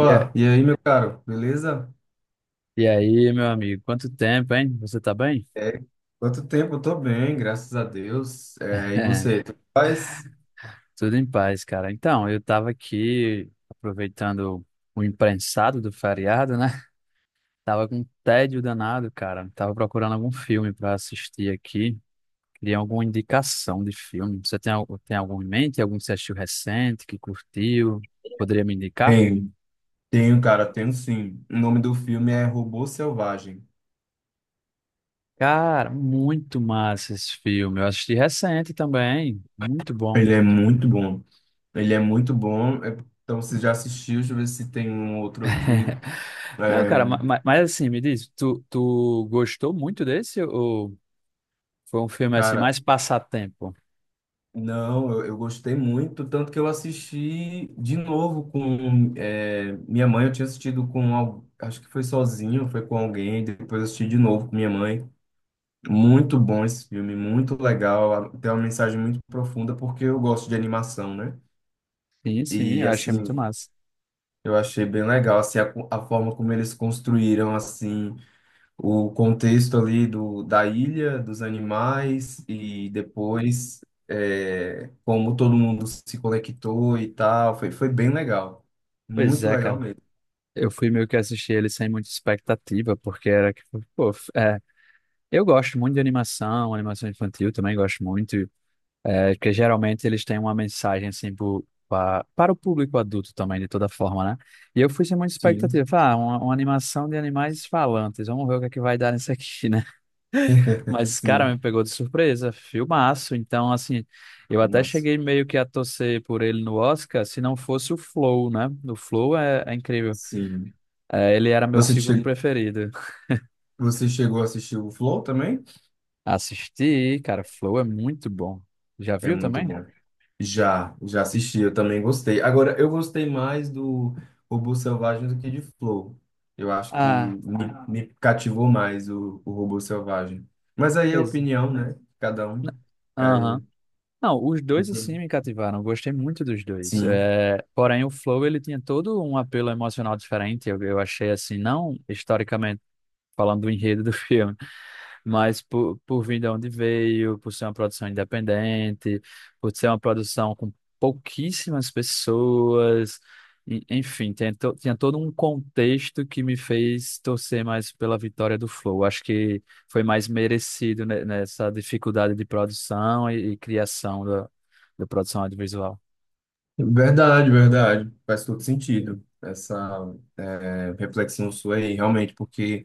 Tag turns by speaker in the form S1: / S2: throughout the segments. S1: E, a-
S2: e aí, meu caro, beleza?
S1: e aí, meu amigo, quanto tempo, hein? Você tá bem?
S2: É, quanto tempo? Eu tô bem, graças a Deus. É, e você, tu faz?
S1: Tudo em paz, cara. Então, eu tava aqui aproveitando o imprensado do feriado, né? Tava com um tédio danado, cara. Tava procurando algum filme pra assistir aqui. Queria alguma indicação de filme. Você tem, tem algum em mente? Algum que você assistiu recente, que curtiu? Poderia me indicar?
S2: Bem, tenho, cara, tenho sim. O nome do filme é Robô Selvagem.
S1: Cara, muito massa esse filme. Eu assisti recente também. Muito bom.
S2: Ele é muito bom. Ele é muito bom. É, então, você já assistiu? Deixa eu ver se tem um outro aqui.
S1: Não, cara, ma-
S2: É,
S1: ma- mas, assim, me diz, tu gostou muito desse ou foi um filme assim
S2: cara,
S1: mais passatempo?
S2: não, eu gostei muito, tanto que eu assisti de novo com minha mãe. Eu tinha assistido acho que foi sozinho, foi com alguém, depois eu assisti de novo com minha mãe. Muito bom esse filme, muito legal. Tem uma mensagem muito profunda, porque eu gosto de animação, né?
S1: Sim, sim,
S2: E,
S1: eu achei muito
S2: assim,
S1: massa.
S2: eu achei bem legal, assim, a forma como eles construíram, assim, o contexto ali do, da ilha, dos animais, e depois como todo mundo se conectou e tal. Foi bem legal.
S1: Pois
S2: Muito
S1: é,
S2: legal
S1: cara.
S2: mesmo.
S1: Eu fui meio que assistir ele sem muita expectativa, porque era que, pô, f- é, eu gosto muito de animação, animação infantil também gosto muito, é, porque geralmente eles têm uma mensagem assim para o público adulto também, de toda forma, né? E eu fui sem muita
S2: Sim,
S1: expectativa. Falei, Ah, uma animação de animais falantes, vamos ver o que é que vai dar nisso aqui, né? Mas, cara, me
S2: sim,
S1: pegou de surpresa. Filmaço. Então, assim, eu até
S2: massa.
S1: cheguei meio que a torcer por ele no Oscar, se não fosse o Flow, né? O Flow é incrível.
S2: Sim.
S1: É, ele era meu
S2: Você,
S1: segundo
S2: che
S1: preferido.
S2: Você chegou a assistir o Flow também?
S1: Assisti, cara, Flow é muito bom. Já
S2: É
S1: viu
S2: muito
S1: também?
S2: bom. Já assisti, eu também gostei. Agora, eu gostei mais do Robô Selvagem do que de Flow. Eu acho que
S1: Ah,
S2: me, Ah. me cativou mais o Robô Selvagem. Mas aí é
S1: pois.
S2: opinião, né? Cada
S1: n-
S2: um.
S1: Aham.
S2: Aí,
S1: Não, os dois, assim, me cativaram. Gostei muito dos dois.
S2: sim.
S1: É, porém, o Flow, ele tinha todo um apelo emocional diferente. Eu achei, assim, não historicamente falando do enredo do filme. Mas por vir de onde veio, por ser uma produção independente, por ser uma produção com pouquíssimas pessoas, enfim, tinha todo um contexto que me fez torcer mais pela vitória do Flow. Acho que foi mais merecido nessa dificuldade de produção e criação da produção audiovisual.
S2: Verdade, verdade. Faz todo sentido essa reflexão sua aí, realmente, porque.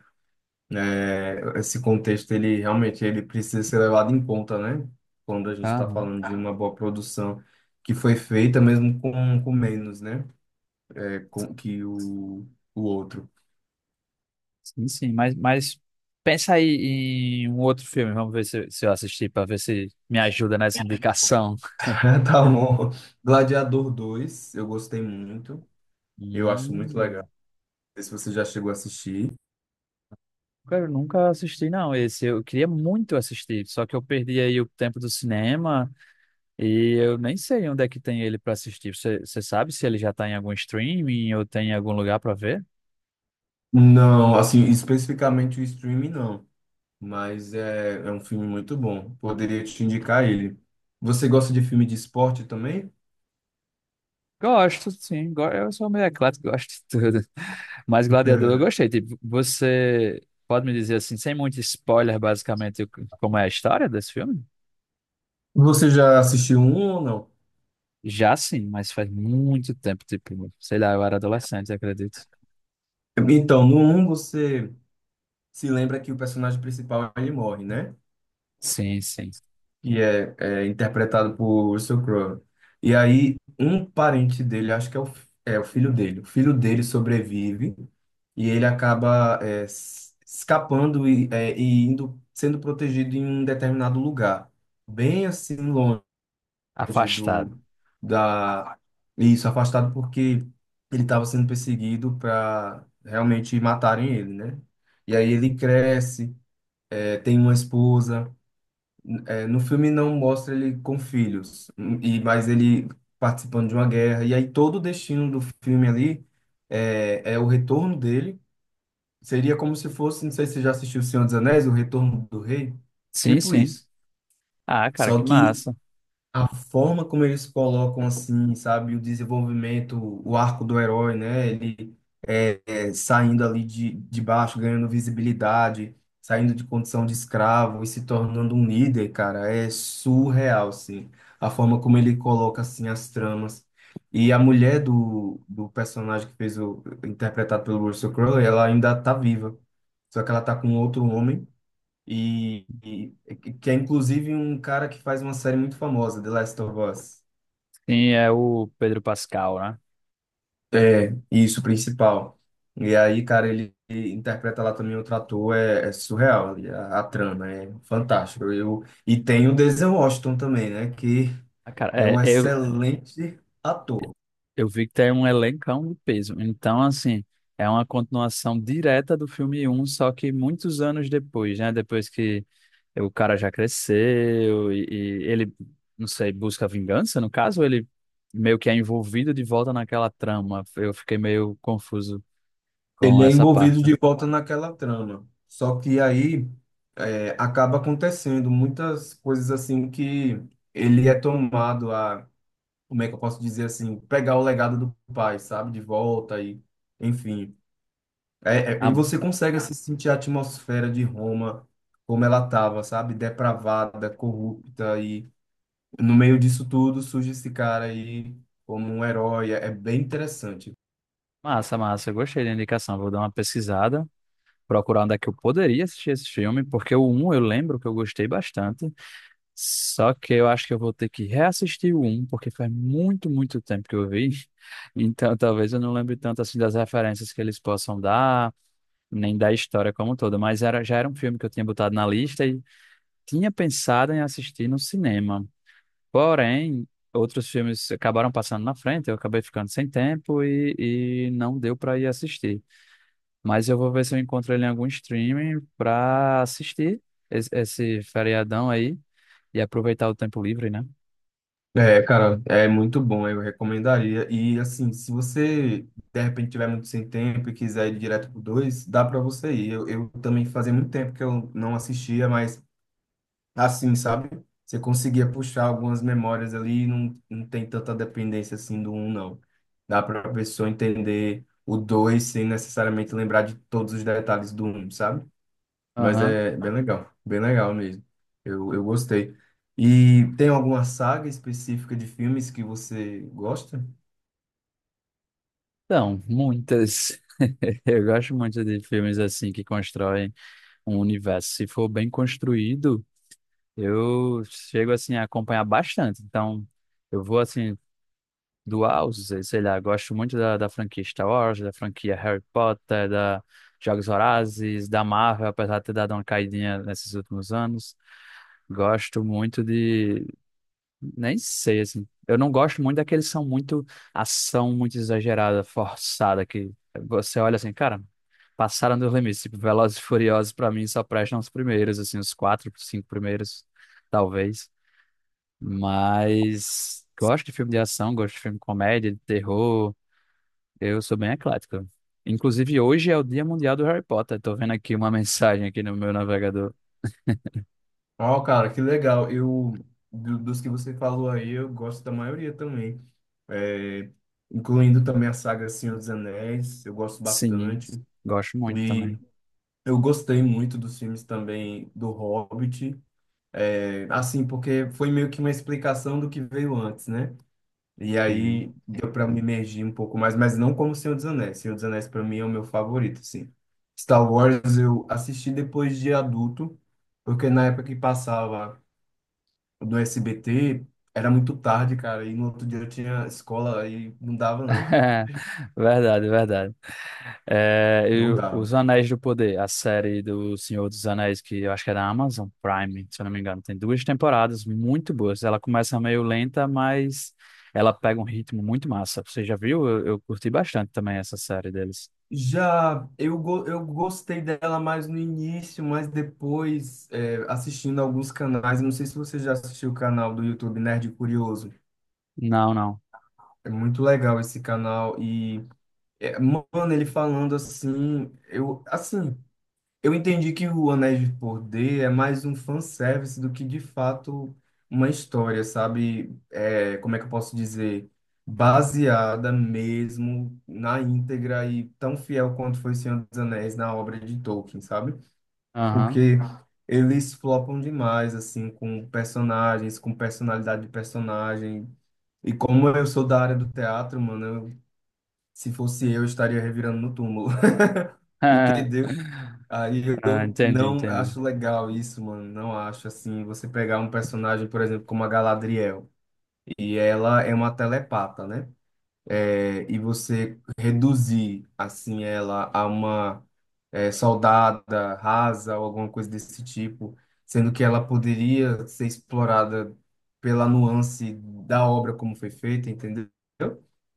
S2: Esse contexto, ele realmente ele precisa ser levado em conta, né? Quando a gente
S1: Ah,
S2: está falando de uma boa produção que foi feita mesmo com menos, né? Com, que o outro.
S1: sim, sim, mas pensa aí em um outro filme, vamos ver se eu assisti para ver se me ajuda nessa indicação.
S2: Tá bom. Gladiador dois eu gostei muito. Eu acho muito legal.
S1: Hum.
S2: Não sei se você já chegou a assistir.
S1: Cara, eu nunca assisti, não, esse. Eu queria muito assistir, só que eu perdi aí o tempo do cinema e eu nem sei onde é que tem ele pra assistir. Você sabe se ele já tá em algum streaming ou tem em algum lugar pra ver?
S2: Não, assim, especificamente o streaming, não. Mas é um filme muito bom. Poderia te indicar ele. Você gosta de filme de esporte também?
S1: Gosto, sim. Eu sou meio eclético, gosto de tudo. Mas Gladiador eu gostei. Tipo, você pode me dizer assim, sem muito spoiler, basicamente, o que- como é a história desse filme?
S2: Você já assistiu um ou não?
S1: Já sim, mas faz muito tempo, tipo, sei lá, eu era adolescente, acredito.
S2: Então, no um você se lembra que o personagem principal ele morre, né?
S1: Sim, sim.
S2: E é interpretado por Russell Crowe. E aí, um parente dele, acho que é o filho dele sobrevive e ele acaba escapando e indo, sendo protegido em um determinado lugar, bem assim longe longe
S1: Afastado.
S2: do da isso afastado porque ele estava sendo perseguido para realmente matarem ele, né? E aí ele cresce, tem uma esposa. No filme não mostra ele com filhos, mas ele participando de uma guerra. E aí todo o destino do filme ali é o retorno dele. Seria como se fosse, não sei se você já assistiu O Senhor dos Anéis, O Retorno do Rei,
S1: Sim,
S2: tipo
S1: sim.
S2: isso.
S1: Ah, cara,
S2: Só
S1: que
S2: que
S1: massa.
S2: a forma como eles colocam, assim, sabe, o desenvolvimento, o arco do herói, né? Ele é saindo ali de baixo, ganhando visibilidade, saindo de condição de escravo e se tornando um líder, cara, é surreal, assim. A forma como ele coloca, assim, as tramas. E a mulher do personagem que fez interpretado pelo Russell Crowe, ela ainda tá viva. Só que ela tá com outro homem. E que é inclusive um cara que faz uma série muito famosa, The Last of Us.
S1: Sim, é o Pedro Pascal, né?
S2: É, isso, o principal. E aí, cara, ele interpreta lá também outro ator, é surreal, e a trama é fantástica. E tem o Denzel Washington também, né, que
S1: Ah, cara,
S2: é
S1: é,
S2: um
S1: eu,
S2: excelente ator.
S1: eu vi que tem um elencão de peso. Então, assim, é uma continuação direta do filme um, só que muitos anos depois, né? Depois que o cara já cresceu e ele, não sei, busca vingança, no caso, ele meio que é envolvido de volta naquela trama. Eu fiquei meio confuso com
S2: Ele é
S1: essa
S2: envolvido
S1: parte.
S2: de volta naquela trama. Só que aí acaba acontecendo muitas coisas assim que ele é tomado a como é que eu posso dizer assim, pegar o legado do pai, sabe, de volta e, enfim. E
S1: Ah,
S2: você consegue assim, sentir a atmosfera de Roma como ela tava, sabe, depravada, corrupta e no meio disso tudo surge esse cara aí como um herói. É bem interessante.
S1: massa, massa. Eu gostei da indicação. Vou dar uma pesquisada. Procurar onde é que eu poderia assistir esse filme, porque o um eu lembro que eu gostei bastante, só que eu acho que eu vou ter que reassistir o um porque faz muito, muito tempo que eu vi, então talvez eu não lembre tanto assim das referências que eles possam dar, nem da história como toda, mas era, já era um filme que eu tinha botado na lista e tinha pensado em assistir no cinema. Porém, outros filmes acabaram passando na frente, eu acabei ficando sem tempo e não deu para ir assistir. Mas eu vou ver se eu encontro ele em algum streaming pra assistir esse feriadão aí e aproveitar o tempo livre, né?
S2: É, cara, é muito bom, eu recomendaria. E assim, se você de repente tiver muito sem tempo e quiser ir direto pro 2 dá pra você ir. Eu também fazia muito tempo que eu não assistia, mas assim, sabe? Você conseguia puxar algumas memórias ali, e não tem tanta dependência assim do um, não. Dá para a pessoa entender o dois sem necessariamente lembrar de todos os detalhes do um, sabe? Mas
S1: Aham.
S2: é bem legal mesmo. Eu gostei. E tem alguma saga específica de filmes que você gosta?
S1: Então, muitas. Eu gosto muito de filmes assim que constroem um universo. Se for bem construído, eu chego assim a acompanhar bastante. Então, eu vou assim doar, sei lá, gosto muito da, franquia Star Wars, da franquia Harry Potter, da Jogos Vorazes, da Marvel, apesar de ter dado uma caidinha nesses últimos anos. Gosto muito de. Nem sei, assim. Eu não gosto muito daqueles que são muito ação, muito exagerada, forçada, que você olha assim, cara, passaram dos limites. Tipo, Velozes e Furiosos, pra mim, só prestam os primeiros, assim, os quatro, cinco primeiros, talvez. Mas gosto de filme de ação, gosto de filme de comédia, de terror. Eu sou bem eclético. Inclusive, hoje é o Dia Mundial do Harry Potter. Tô vendo aqui uma mensagem aqui no meu navegador.
S2: Ó, cara, que legal. Dos que você falou aí, eu gosto da maioria também. É, Incluindo também a saga Senhor dos Anéis, eu gosto
S1: Sim,
S2: bastante.
S1: gosto muito
S2: E
S1: também.
S2: eu gostei muito dos filmes também do Hobbit, assim, porque foi meio que uma explicação do que veio antes, né? E
S1: Sim.
S2: aí deu para me imergir um pouco mais, mas não como Senhor dos Anéis. Senhor dos Anéis para mim é o meu favorito, sim. Star Wars eu assisti depois de adulto, porque na época que passava do SBT era muito tarde, cara, e no outro dia eu tinha escola e não dava não,
S1: Verdade, verdade. É, e
S2: não
S1: o- Os
S2: dava.
S1: Anéis do Poder, a série do Senhor dos Anéis, que eu acho que é da Amazon Prime, se eu não me engano, tem duas temporadas muito boas. Ela começa meio lenta, mas ela pega um ritmo muito massa. Você já viu? Eu curti bastante também essa série deles.
S2: Já eu gostei dela mais no início, mas depois, assistindo alguns canais, não sei se você já assistiu o canal do YouTube Nerd Curioso.
S1: Não, não.
S2: É muito legal esse canal e, mano, ele falando assim, eu entendi que o Anéis de Poder é mais um fanservice do que de fato uma história, sabe? É, como é que eu posso dizer? Baseada mesmo na íntegra e tão fiel quanto foi Senhor dos Anéis na obra de Tolkien, sabe?
S1: Aham.
S2: Porque eles flopam demais, assim, com personagens, com personalidade de personagem. E como eu sou da área do teatro, mano, se fosse eu estaria revirando no túmulo, entendeu? Aí
S1: Ah,
S2: eu
S1: entendi,
S2: não
S1: entendi.
S2: acho legal isso, mano. Não acho assim. Você pegar um personagem, por exemplo, como a Galadriel, e ela é uma telepata, né? E você reduzir assim ela a uma soldada rasa ou alguma coisa desse tipo, sendo que ela poderia ser explorada pela nuance da obra como foi feita, entendeu?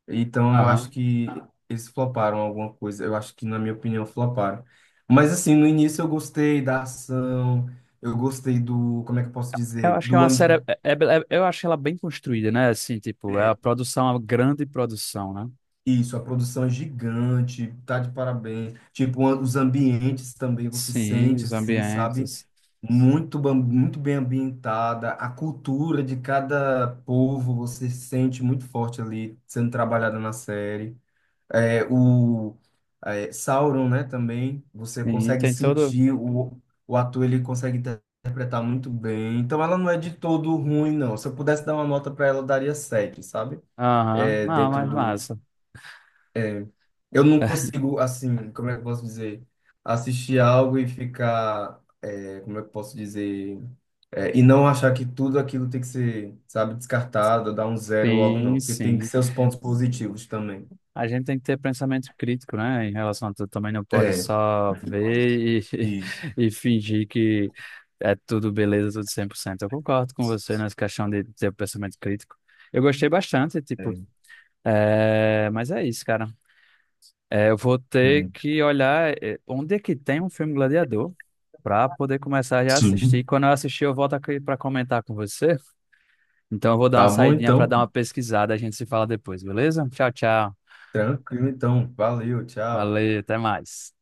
S2: Então eu acho
S1: Aham.
S2: que eles floparam alguma coisa. Eu acho que, na minha opinião, floparam. Mas assim, no início eu gostei da ação, eu gostei do, como é que eu posso
S1: Eu
S2: dizer?
S1: acho que é
S2: Do
S1: uma
S2: am-
S1: série. Eu acho ela bem construída, né? Assim, tipo, é a produção, a grande produção, né?
S2: isso, a produção é gigante, tá de parabéns. Tipo, os ambientes também você
S1: Sim,
S2: sente
S1: os
S2: assim, sabe?
S1: ambientes.
S2: Muito bem ambientada, a cultura de cada povo você sente muito forte ali sendo trabalhada na série. É, o Sauron, né, também, você
S1: Sim,
S2: consegue
S1: tem todo.
S2: sentir, o ator ele consegue interpretar muito bem. Então ela não é de todo ruim, não. Se eu pudesse dar uma nota para ela, eu daria 7, sabe?
S1: Aham, não,
S2: Dentro
S1: mas
S2: do...
S1: massa.
S2: Eu não consigo, assim, como é que eu posso dizer? Assistir algo e ficar... como é que eu posso dizer? E não achar que tudo aquilo tem que ser, sabe, descartado, dar um zero logo, não.
S1: Sim,
S2: Porque tem que
S1: sim.
S2: ser os pontos positivos também.
S1: A gente tem que ter pensamento crítico, né? Em relação a tudo. Também não pode
S2: É,
S1: só ver e,
S2: isso.
S1: e fingir que é tudo beleza, tudo 100%. Eu concordo com você nessa questão de ter pensamento crítico. Eu gostei bastante, tipo, é... mas é isso, cara. É, eu vou ter
S2: É.
S1: que olhar é, onde é que tem um filme Gladiador para poder começar já a assistir.
S2: Sim.
S1: Quando eu assistir, eu volto aqui para comentar com você. Então eu vou dar uma
S2: Tá bom,
S1: saidinha para
S2: então.
S1: dar uma pesquisada. A gente se fala depois, beleza? Tchau, tchau.
S2: Tranquilo, então. Valeu, tchau.
S1: Valeu, até mais.